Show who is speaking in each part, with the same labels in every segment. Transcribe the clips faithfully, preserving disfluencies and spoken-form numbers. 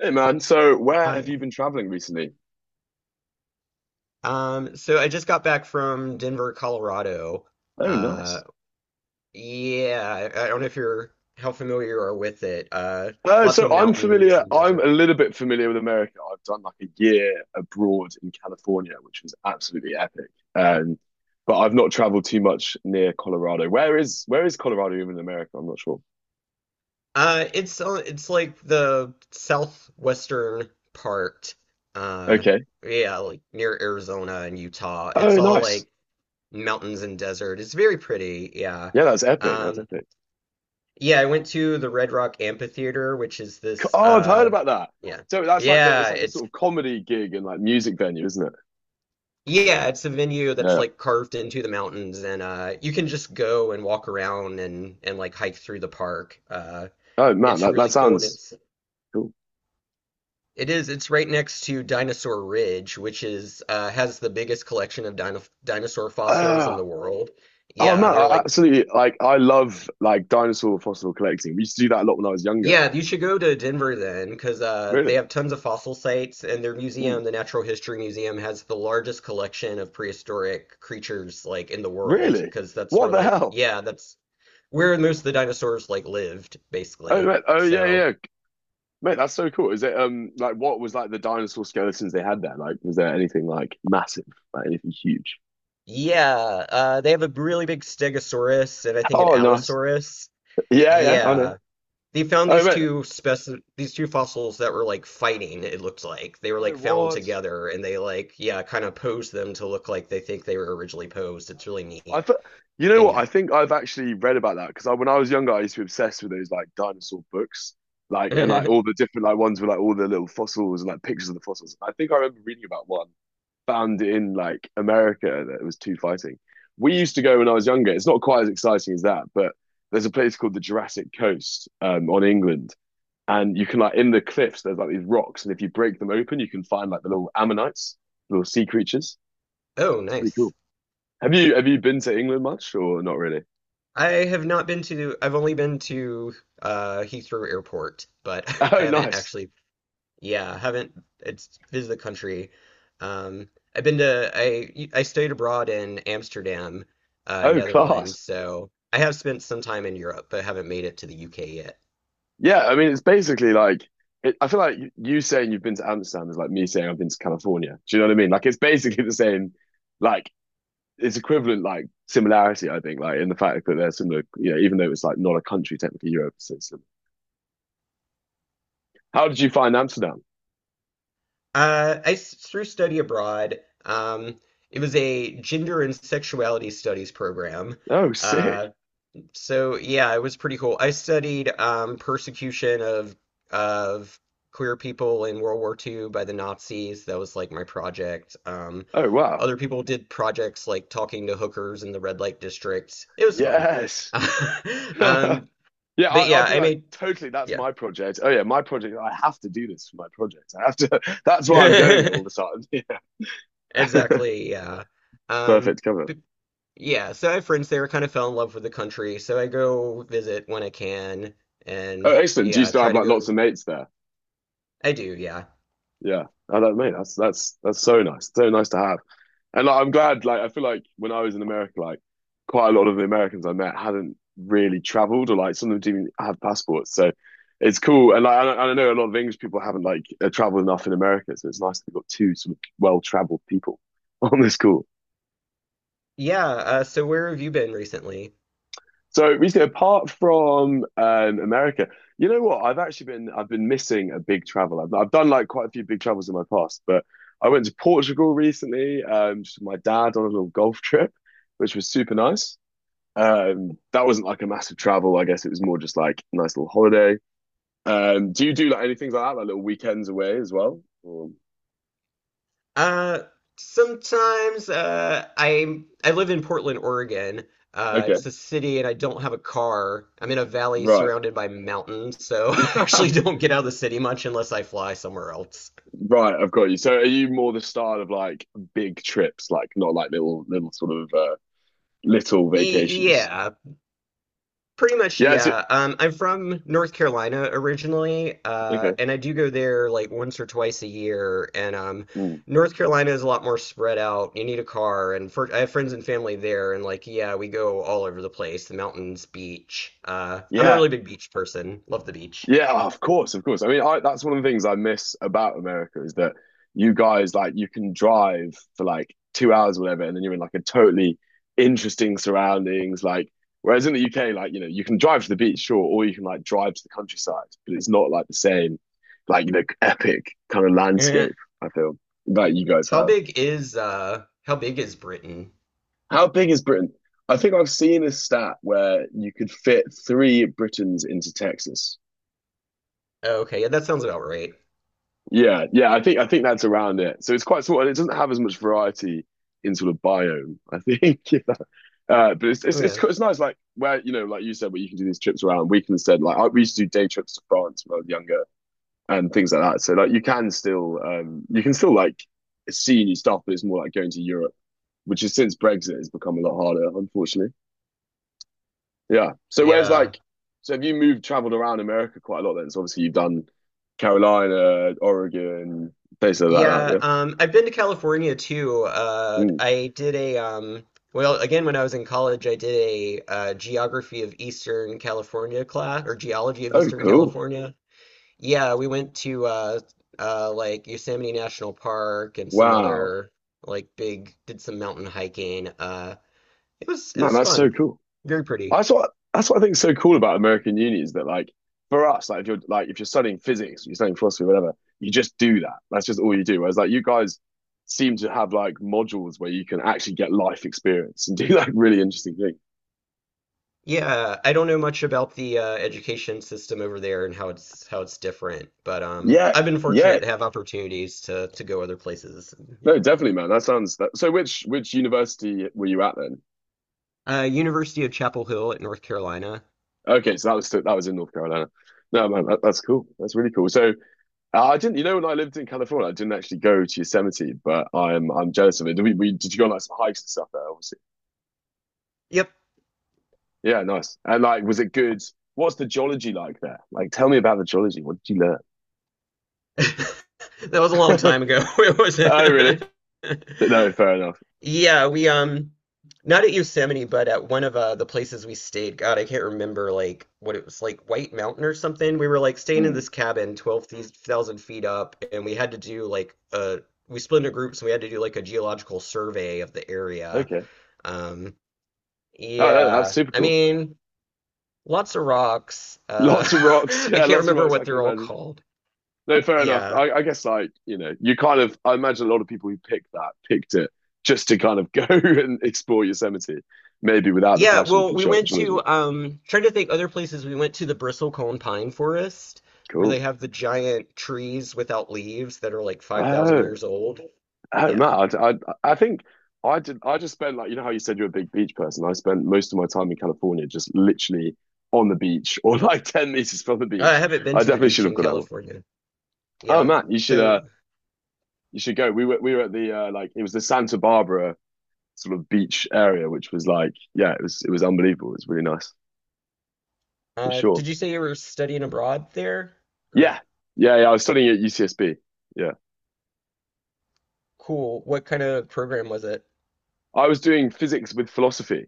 Speaker 1: Hey man, so where have
Speaker 2: Hi.
Speaker 1: you been traveling recently?
Speaker 2: Um, so I just got back from Denver, Colorado.
Speaker 1: Oh,
Speaker 2: Uh,
Speaker 1: nice.
Speaker 2: yeah, I, I don't know if you're how familiar you are with it. Uh,
Speaker 1: Uh,
Speaker 2: lots
Speaker 1: so
Speaker 2: of
Speaker 1: I'm
Speaker 2: mountains
Speaker 1: familiar,
Speaker 2: and
Speaker 1: I'm a
Speaker 2: desert.
Speaker 1: little bit familiar with America. I've done like a year abroad in California, which was absolutely epic. Um, but I've not traveled too much near Colorado. Where is where is Colorado even in America? I'm not sure.
Speaker 2: Uh, it's uh, it's like the southwestern part. Uh,
Speaker 1: Okay.
Speaker 2: yeah, like near Arizona and Utah.
Speaker 1: Oh,
Speaker 2: It's all
Speaker 1: nice.
Speaker 2: like mountains and desert. It's very pretty. Yeah.
Speaker 1: Yeah, that's epic. That's
Speaker 2: Um,
Speaker 1: epic.
Speaker 2: yeah, I went to the Red Rock Amphitheater, which is
Speaker 1: Co-
Speaker 2: this
Speaker 1: Oh, I've heard
Speaker 2: uh,
Speaker 1: about that.
Speaker 2: yeah.
Speaker 1: So that's like the it's
Speaker 2: Yeah,
Speaker 1: like a
Speaker 2: it's
Speaker 1: sort of comedy gig and like music venue, isn't it?
Speaker 2: Yeah, it's a venue that's
Speaker 1: Yeah.
Speaker 2: like carved into the mountains, and uh, you can just go and walk around and and like hike through the park. Uh,
Speaker 1: Oh man,
Speaker 2: it's
Speaker 1: that, that
Speaker 2: really cool, and
Speaker 1: sounds
Speaker 2: it's
Speaker 1: cool.
Speaker 2: it is it's right next to Dinosaur Ridge, which is uh, has the biggest collection of dino dinosaur fossils in
Speaker 1: Ah,
Speaker 2: the world.
Speaker 1: oh
Speaker 2: Yeah,
Speaker 1: man,
Speaker 2: they're
Speaker 1: I
Speaker 2: like
Speaker 1: absolutely like I love like dinosaur fossil collecting. We used to do that a lot when I was younger.
Speaker 2: yeah, you should go to Denver then, because uh, they
Speaker 1: Really?
Speaker 2: have tons of fossil sites, and their
Speaker 1: Mm,
Speaker 2: museum, the Natural History Museum, has the largest collection of prehistoric creatures like in the world,
Speaker 1: really?
Speaker 2: because that's
Speaker 1: What
Speaker 2: where
Speaker 1: the
Speaker 2: like
Speaker 1: hell?
Speaker 2: yeah, that's where most of the dinosaurs like lived,
Speaker 1: Oh
Speaker 2: basically.
Speaker 1: man, oh yeah,
Speaker 2: So
Speaker 1: yeah. Mate, that's so cool. Is it um like what was like the dinosaur skeletons they had there? Like was there anything like massive, like anything huge?
Speaker 2: yeah, uh, they have a really big Stegosaurus and I think an
Speaker 1: Oh nice.
Speaker 2: Allosaurus.
Speaker 1: Yeah, yeah, I know.
Speaker 2: Yeah, they found
Speaker 1: Oh
Speaker 2: these
Speaker 1: mate.
Speaker 2: two speci these two fossils that were like fighting. It looked like they were
Speaker 1: Oh
Speaker 2: like found
Speaker 1: what?
Speaker 2: together, and they like yeah, kind of posed them to look like they think they were originally posed. It's really
Speaker 1: I
Speaker 2: neat.
Speaker 1: th- you know what?
Speaker 2: And
Speaker 1: I think I've actually read about that because I, when I was younger, I used to be obsessed with those like dinosaur books, like and like
Speaker 2: yeah,
Speaker 1: all the different like ones with like all the little fossils and like pictures of the fossils. I think I remember reading about one found in like America that was two fighting. We used to go when I was younger. It's not quite as exciting as that, but there's a place called the Jurassic Coast um, on England, and you can like in the cliffs there's like these rocks, and if you break them open, you can find like the little ammonites, little sea creatures.
Speaker 2: oh
Speaker 1: It's pretty cool.
Speaker 2: nice.
Speaker 1: Have you have you been to England much or not really?
Speaker 2: I have not been to. I've only been to uh, Heathrow Airport, but I
Speaker 1: Oh,
Speaker 2: haven't
Speaker 1: nice.
Speaker 2: actually Yeah, I haven't it's visited the country. Um, I've been to I I studied abroad in Amsterdam, uh,
Speaker 1: Oh,
Speaker 2: Netherlands,
Speaker 1: class.
Speaker 2: so I have spent some time in Europe, but haven't made it to the U K yet.
Speaker 1: Yeah, I mean, it's basically like it, I feel like y- you saying you've been to Amsterdam is like me saying I've been to California. Do you know what I mean? Like it's basically the same. Like it's equivalent, like similarity. I think, like in the fact that they're similar. You know, even though it's like not a country technically, Europe is similar. How did you find Amsterdam?
Speaker 2: Uh, I s- through study abroad, um, it was a gender and sexuality studies program.
Speaker 1: Oh, sick.
Speaker 2: Uh, So yeah, it was pretty cool. I studied um, persecution of of queer people in World War two by the Nazis. That was like my project. Um,
Speaker 1: Oh, wow.
Speaker 2: other people did projects like talking to hookers in the red light district. It was fun.
Speaker 1: Yes.
Speaker 2: Um,
Speaker 1: Yeah,
Speaker 2: but
Speaker 1: I,
Speaker 2: yeah,
Speaker 1: I'd be
Speaker 2: I
Speaker 1: like,
Speaker 2: made
Speaker 1: totally, that's
Speaker 2: yeah.
Speaker 1: my project. Oh yeah, my project. I have to do this for my project. I have to. That's why I'm going there all the time. Yeah.
Speaker 2: Exactly, yeah. Um,
Speaker 1: Perfect cover.
Speaker 2: but yeah, so I have friends there, kind of fell in love with the country, so I go visit when I can
Speaker 1: Oh,
Speaker 2: and
Speaker 1: excellent. Do you
Speaker 2: yeah,
Speaker 1: still
Speaker 2: try
Speaker 1: have
Speaker 2: to
Speaker 1: like lots
Speaker 2: go.
Speaker 1: of mates there?
Speaker 2: I do, yeah.
Speaker 1: Yeah, I don't mean that's that's that's so nice, so nice to have. And like, I'm glad. Like, I feel like when I was in America, like quite a lot of the Americans I met hadn't really traveled, or like some of them didn't even have passports. So it's cool. And like, I, I know a lot of English people haven't like uh, traveled enough in America, so it's nice that we've got two sort of well-traveled people on this call.
Speaker 2: Yeah, uh, so where have you been recently?
Speaker 1: So recently, apart from um, America, you know what? I've actually been I've been missing a big travel. I've, I've done like quite a few big travels in my past, but I went to Portugal recently, um, just with my dad on a little golf trip, which was super nice. Um, that wasn't like a massive travel. I guess it was more just like a nice little holiday. Um, do you do like anything like that, like little weekends away as well? Or...
Speaker 2: Uh, sometimes uh, I I live in Portland, Oregon. Uh,
Speaker 1: Okay,
Speaker 2: it's a city, and I don't have a car. I'm in a valley
Speaker 1: right,
Speaker 2: surrounded by mountains, so I actually don't get out of the city much unless I fly somewhere else.
Speaker 1: right. I've got you. So are you more the style of like big trips, like not like little little sort of uh, little
Speaker 2: E
Speaker 1: vacations.
Speaker 2: yeah, Pretty much,
Speaker 1: Yeah. It's,
Speaker 2: yeah. Um, I'm from North Carolina originally, uh,
Speaker 1: okay.
Speaker 2: and I do go there like once or twice a year. And um,
Speaker 1: Mm.
Speaker 2: North Carolina is a lot more spread out. You need a car, and for, I have friends and family there, and like, yeah, we go all over the place, the mountains, beach. Uh, I'm a
Speaker 1: Yeah.
Speaker 2: really big beach person. Love the beach.
Speaker 1: Yeah. Oh, of course. Of course. I mean, I, that's one of the things I miss about America is that you guys like you can drive for like two hours, or whatever, and then you're in like a totally interesting surroundings. Like, whereas in the U K, like you know, you can drive to the beach, sure, or you can like drive to the countryside, but it's not like the same, like you know, epic kind of
Speaker 2: Eh.
Speaker 1: landscape. I feel that you guys
Speaker 2: How
Speaker 1: have.
Speaker 2: big is uh, how big is Britain?
Speaker 1: How big is Britain? I think I've seen a stat where you could fit three Britons into Texas.
Speaker 2: Oh, okay, yeah, that sounds about right.
Speaker 1: Yeah, yeah, I think I think that's around it. So it's quite small, and it doesn't have as much variety in sort of biome. I think, uh, but it's,
Speaker 2: Oh,
Speaker 1: it's
Speaker 2: yeah,
Speaker 1: it's it's nice, like where you know, like you said, where you can do these trips around. We can instead, like I, we used to do day trips to France when I was younger and things like that. So like you can still um you can still like see new stuff, but it's more like going to Europe, which is since Brexit has become a lot harder, unfortunately. Yeah. So whereas
Speaker 2: yeah.
Speaker 1: like, so have you moved, traveled around America quite a lot then? So obviously you've done Carolina, Oregon, places like
Speaker 2: Yeah,
Speaker 1: that.
Speaker 2: um, I've been to California too.
Speaker 1: Yeah.
Speaker 2: Uh,
Speaker 1: Mm.
Speaker 2: I did a um, Well, again, when I was in college, I did a uh, geography of Eastern California class or geology of
Speaker 1: Oh,
Speaker 2: Eastern
Speaker 1: cool.
Speaker 2: California. Yeah, we went to uh, uh, like Yosemite National Park and some
Speaker 1: Wow.
Speaker 2: other like big, did some mountain hiking. Uh, it was it
Speaker 1: Man,
Speaker 2: was
Speaker 1: that's so
Speaker 2: fun,
Speaker 1: cool.
Speaker 2: very pretty.
Speaker 1: That's what that's what I think is so cool about American uni is that like for us, like if you're like if you're studying physics, you're studying philosophy, whatever, you just do that. That's just all you do. Whereas like you guys seem to have like modules where you can actually get life experience and do like really interesting things.
Speaker 2: Yeah, I don't know much about the uh, education system over there and how it's how it's different, but um,
Speaker 1: Yeah,
Speaker 2: I've been
Speaker 1: yeah,
Speaker 2: fortunate to have opportunities to to go other places. and,
Speaker 1: no,
Speaker 2: Yeah,
Speaker 1: definitely, man. That sounds that. So, which which university were you at then?
Speaker 2: uh, University of Chapel Hill at North Carolina.
Speaker 1: Okay, so that was that was in North Carolina. No, man, that, that's cool. That's really cool. So, uh, I didn't. You know, when I lived in California, I didn't actually go to Yosemite, but I'm I'm jealous of it. Did we, we did you go on like some hikes and stuff there? Obviously,
Speaker 2: Yep,
Speaker 1: yeah, nice. And like, was it good? What's the geology like there? Like, tell me about the geology. What did you
Speaker 2: that was a long
Speaker 1: learn?
Speaker 2: time ago. It wasn't.
Speaker 1: Oh, really? No, fair enough.
Speaker 2: Yeah, we um not at Yosemite, but at one of uh the places we stayed. God, I can't remember like what it was, like White Mountain or something. We were like staying in
Speaker 1: Hmm.
Speaker 2: this cabin twelve thousand feet up and we had to do like uh we split into groups and we had to do like a geological survey of the area.
Speaker 1: Okay.
Speaker 2: Um
Speaker 1: Oh, that, that's
Speaker 2: yeah.
Speaker 1: super
Speaker 2: I
Speaker 1: cool.
Speaker 2: mean, lots of rocks. Uh
Speaker 1: Lots of rocks.
Speaker 2: I
Speaker 1: Yeah,
Speaker 2: can't
Speaker 1: lots of
Speaker 2: remember
Speaker 1: rocks.
Speaker 2: what
Speaker 1: I can
Speaker 2: they're all
Speaker 1: imagine.
Speaker 2: called.
Speaker 1: No, fair enough.
Speaker 2: Yeah.
Speaker 1: I, I guess like, you know, you kind of I imagine a lot of people who picked that picked it just to kind of go and explore Yosemite, maybe without the
Speaker 2: Yeah,
Speaker 1: passion
Speaker 2: well,
Speaker 1: for
Speaker 2: we
Speaker 1: ge-
Speaker 2: went
Speaker 1: geology.
Speaker 2: to um trying to think other places. We went to the bristlecone pine forest where they
Speaker 1: Cool.
Speaker 2: have the giant trees without leaves that are like five thousand
Speaker 1: Oh,
Speaker 2: years old.
Speaker 1: oh,
Speaker 2: Yeah.
Speaker 1: Matt, I, I, I think I did. I just spent like you know how you said you're a big beach person. I spent most of my time in California just literally on the beach or like ten meters from the
Speaker 2: I
Speaker 1: beach.
Speaker 2: haven't been
Speaker 1: I
Speaker 2: to the
Speaker 1: definitely should
Speaker 2: beach
Speaker 1: have
Speaker 2: in
Speaker 1: got that one.
Speaker 2: California.
Speaker 1: Oh,
Speaker 2: Yeah.
Speaker 1: Matt, you should uh
Speaker 2: So,
Speaker 1: you should go. We were we were at the uh, like it was the Santa Barbara sort of beach area, which was like, yeah, it was it was unbelievable. It was really nice for
Speaker 2: uh
Speaker 1: sure.
Speaker 2: did you say you were studying abroad there?
Speaker 1: Yeah,
Speaker 2: Or
Speaker 1: yeah, yeah. I was studying at U C S B. Yeah,
Speaker 2: cool. What kind of program was it?
Speaker 1: I was doing physics with philosophy,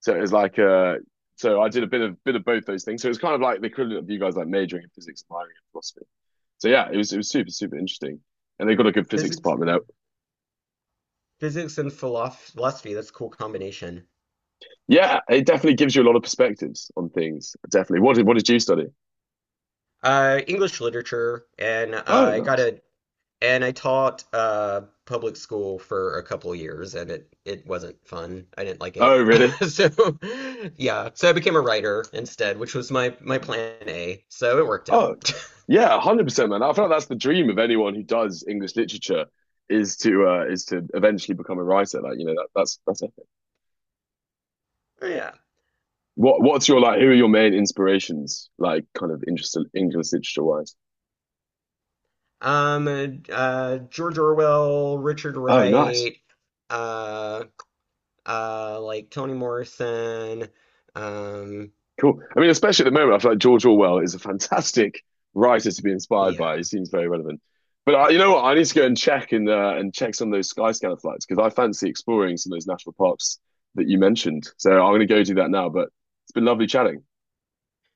Speaker 1: so it was like uh, so I did a bit of bit of both those things. So it was kind of like the equivalent of you guys like majoring in physics and minoring in philosophy. So yeah, it was it was super super interesting. And they got a good physics
Speaker 2: Physics.
Speaker 1: department out.
Speaker 2: Physics and philosoph- philosophy. That's a cool combination.
Speaker 1: Yeah, it definitely gives you a lot of perspectives on things. Definitely. What did what did you study?
Speaker 2: Uh English literature and uh,
Speaker 1: Oh,
Speaker 2: I got
Speaker 1: nice.
Speaker 2: a And I taught uh, public school for a couple of years, and it it wasn't fun. I didn't like it.
Speaker 1: Oh, really?
Speaker 2: So yeah, so I became a writer instead, which was my my plan A. So it worked out.
Speaker 1: Oh, yeah, one hundred percent, man. I feel like that's the dream of anyone who does English literature is to uh, is to eventually become a writer. Like you know that, that's that's it.
Speaker 2: Yeah.
Speaker 1: What what's your like? Who are your main inspirations? Like kind of interest English literature wise.
Speaker 2: Um, uh, George Orwell, Richard
Speaker 1: Oh, nice,
Speaker 2: Wright, uh, uh, like Toni Morrison. Um,
Speaker 1: cool. I mean, especially at the moment, I feel like George Orwell is a fantastic writer to be inspired by. He
Speaker 2: yeah.
Speaker 1: seems very relevant. But uh, you know what? I need to go and check and uh, and check some of those Skyscanner flights because I fancy exploring some of those national parks that you mentioned. So I'm going to go do that now. But it's been lovely chatting.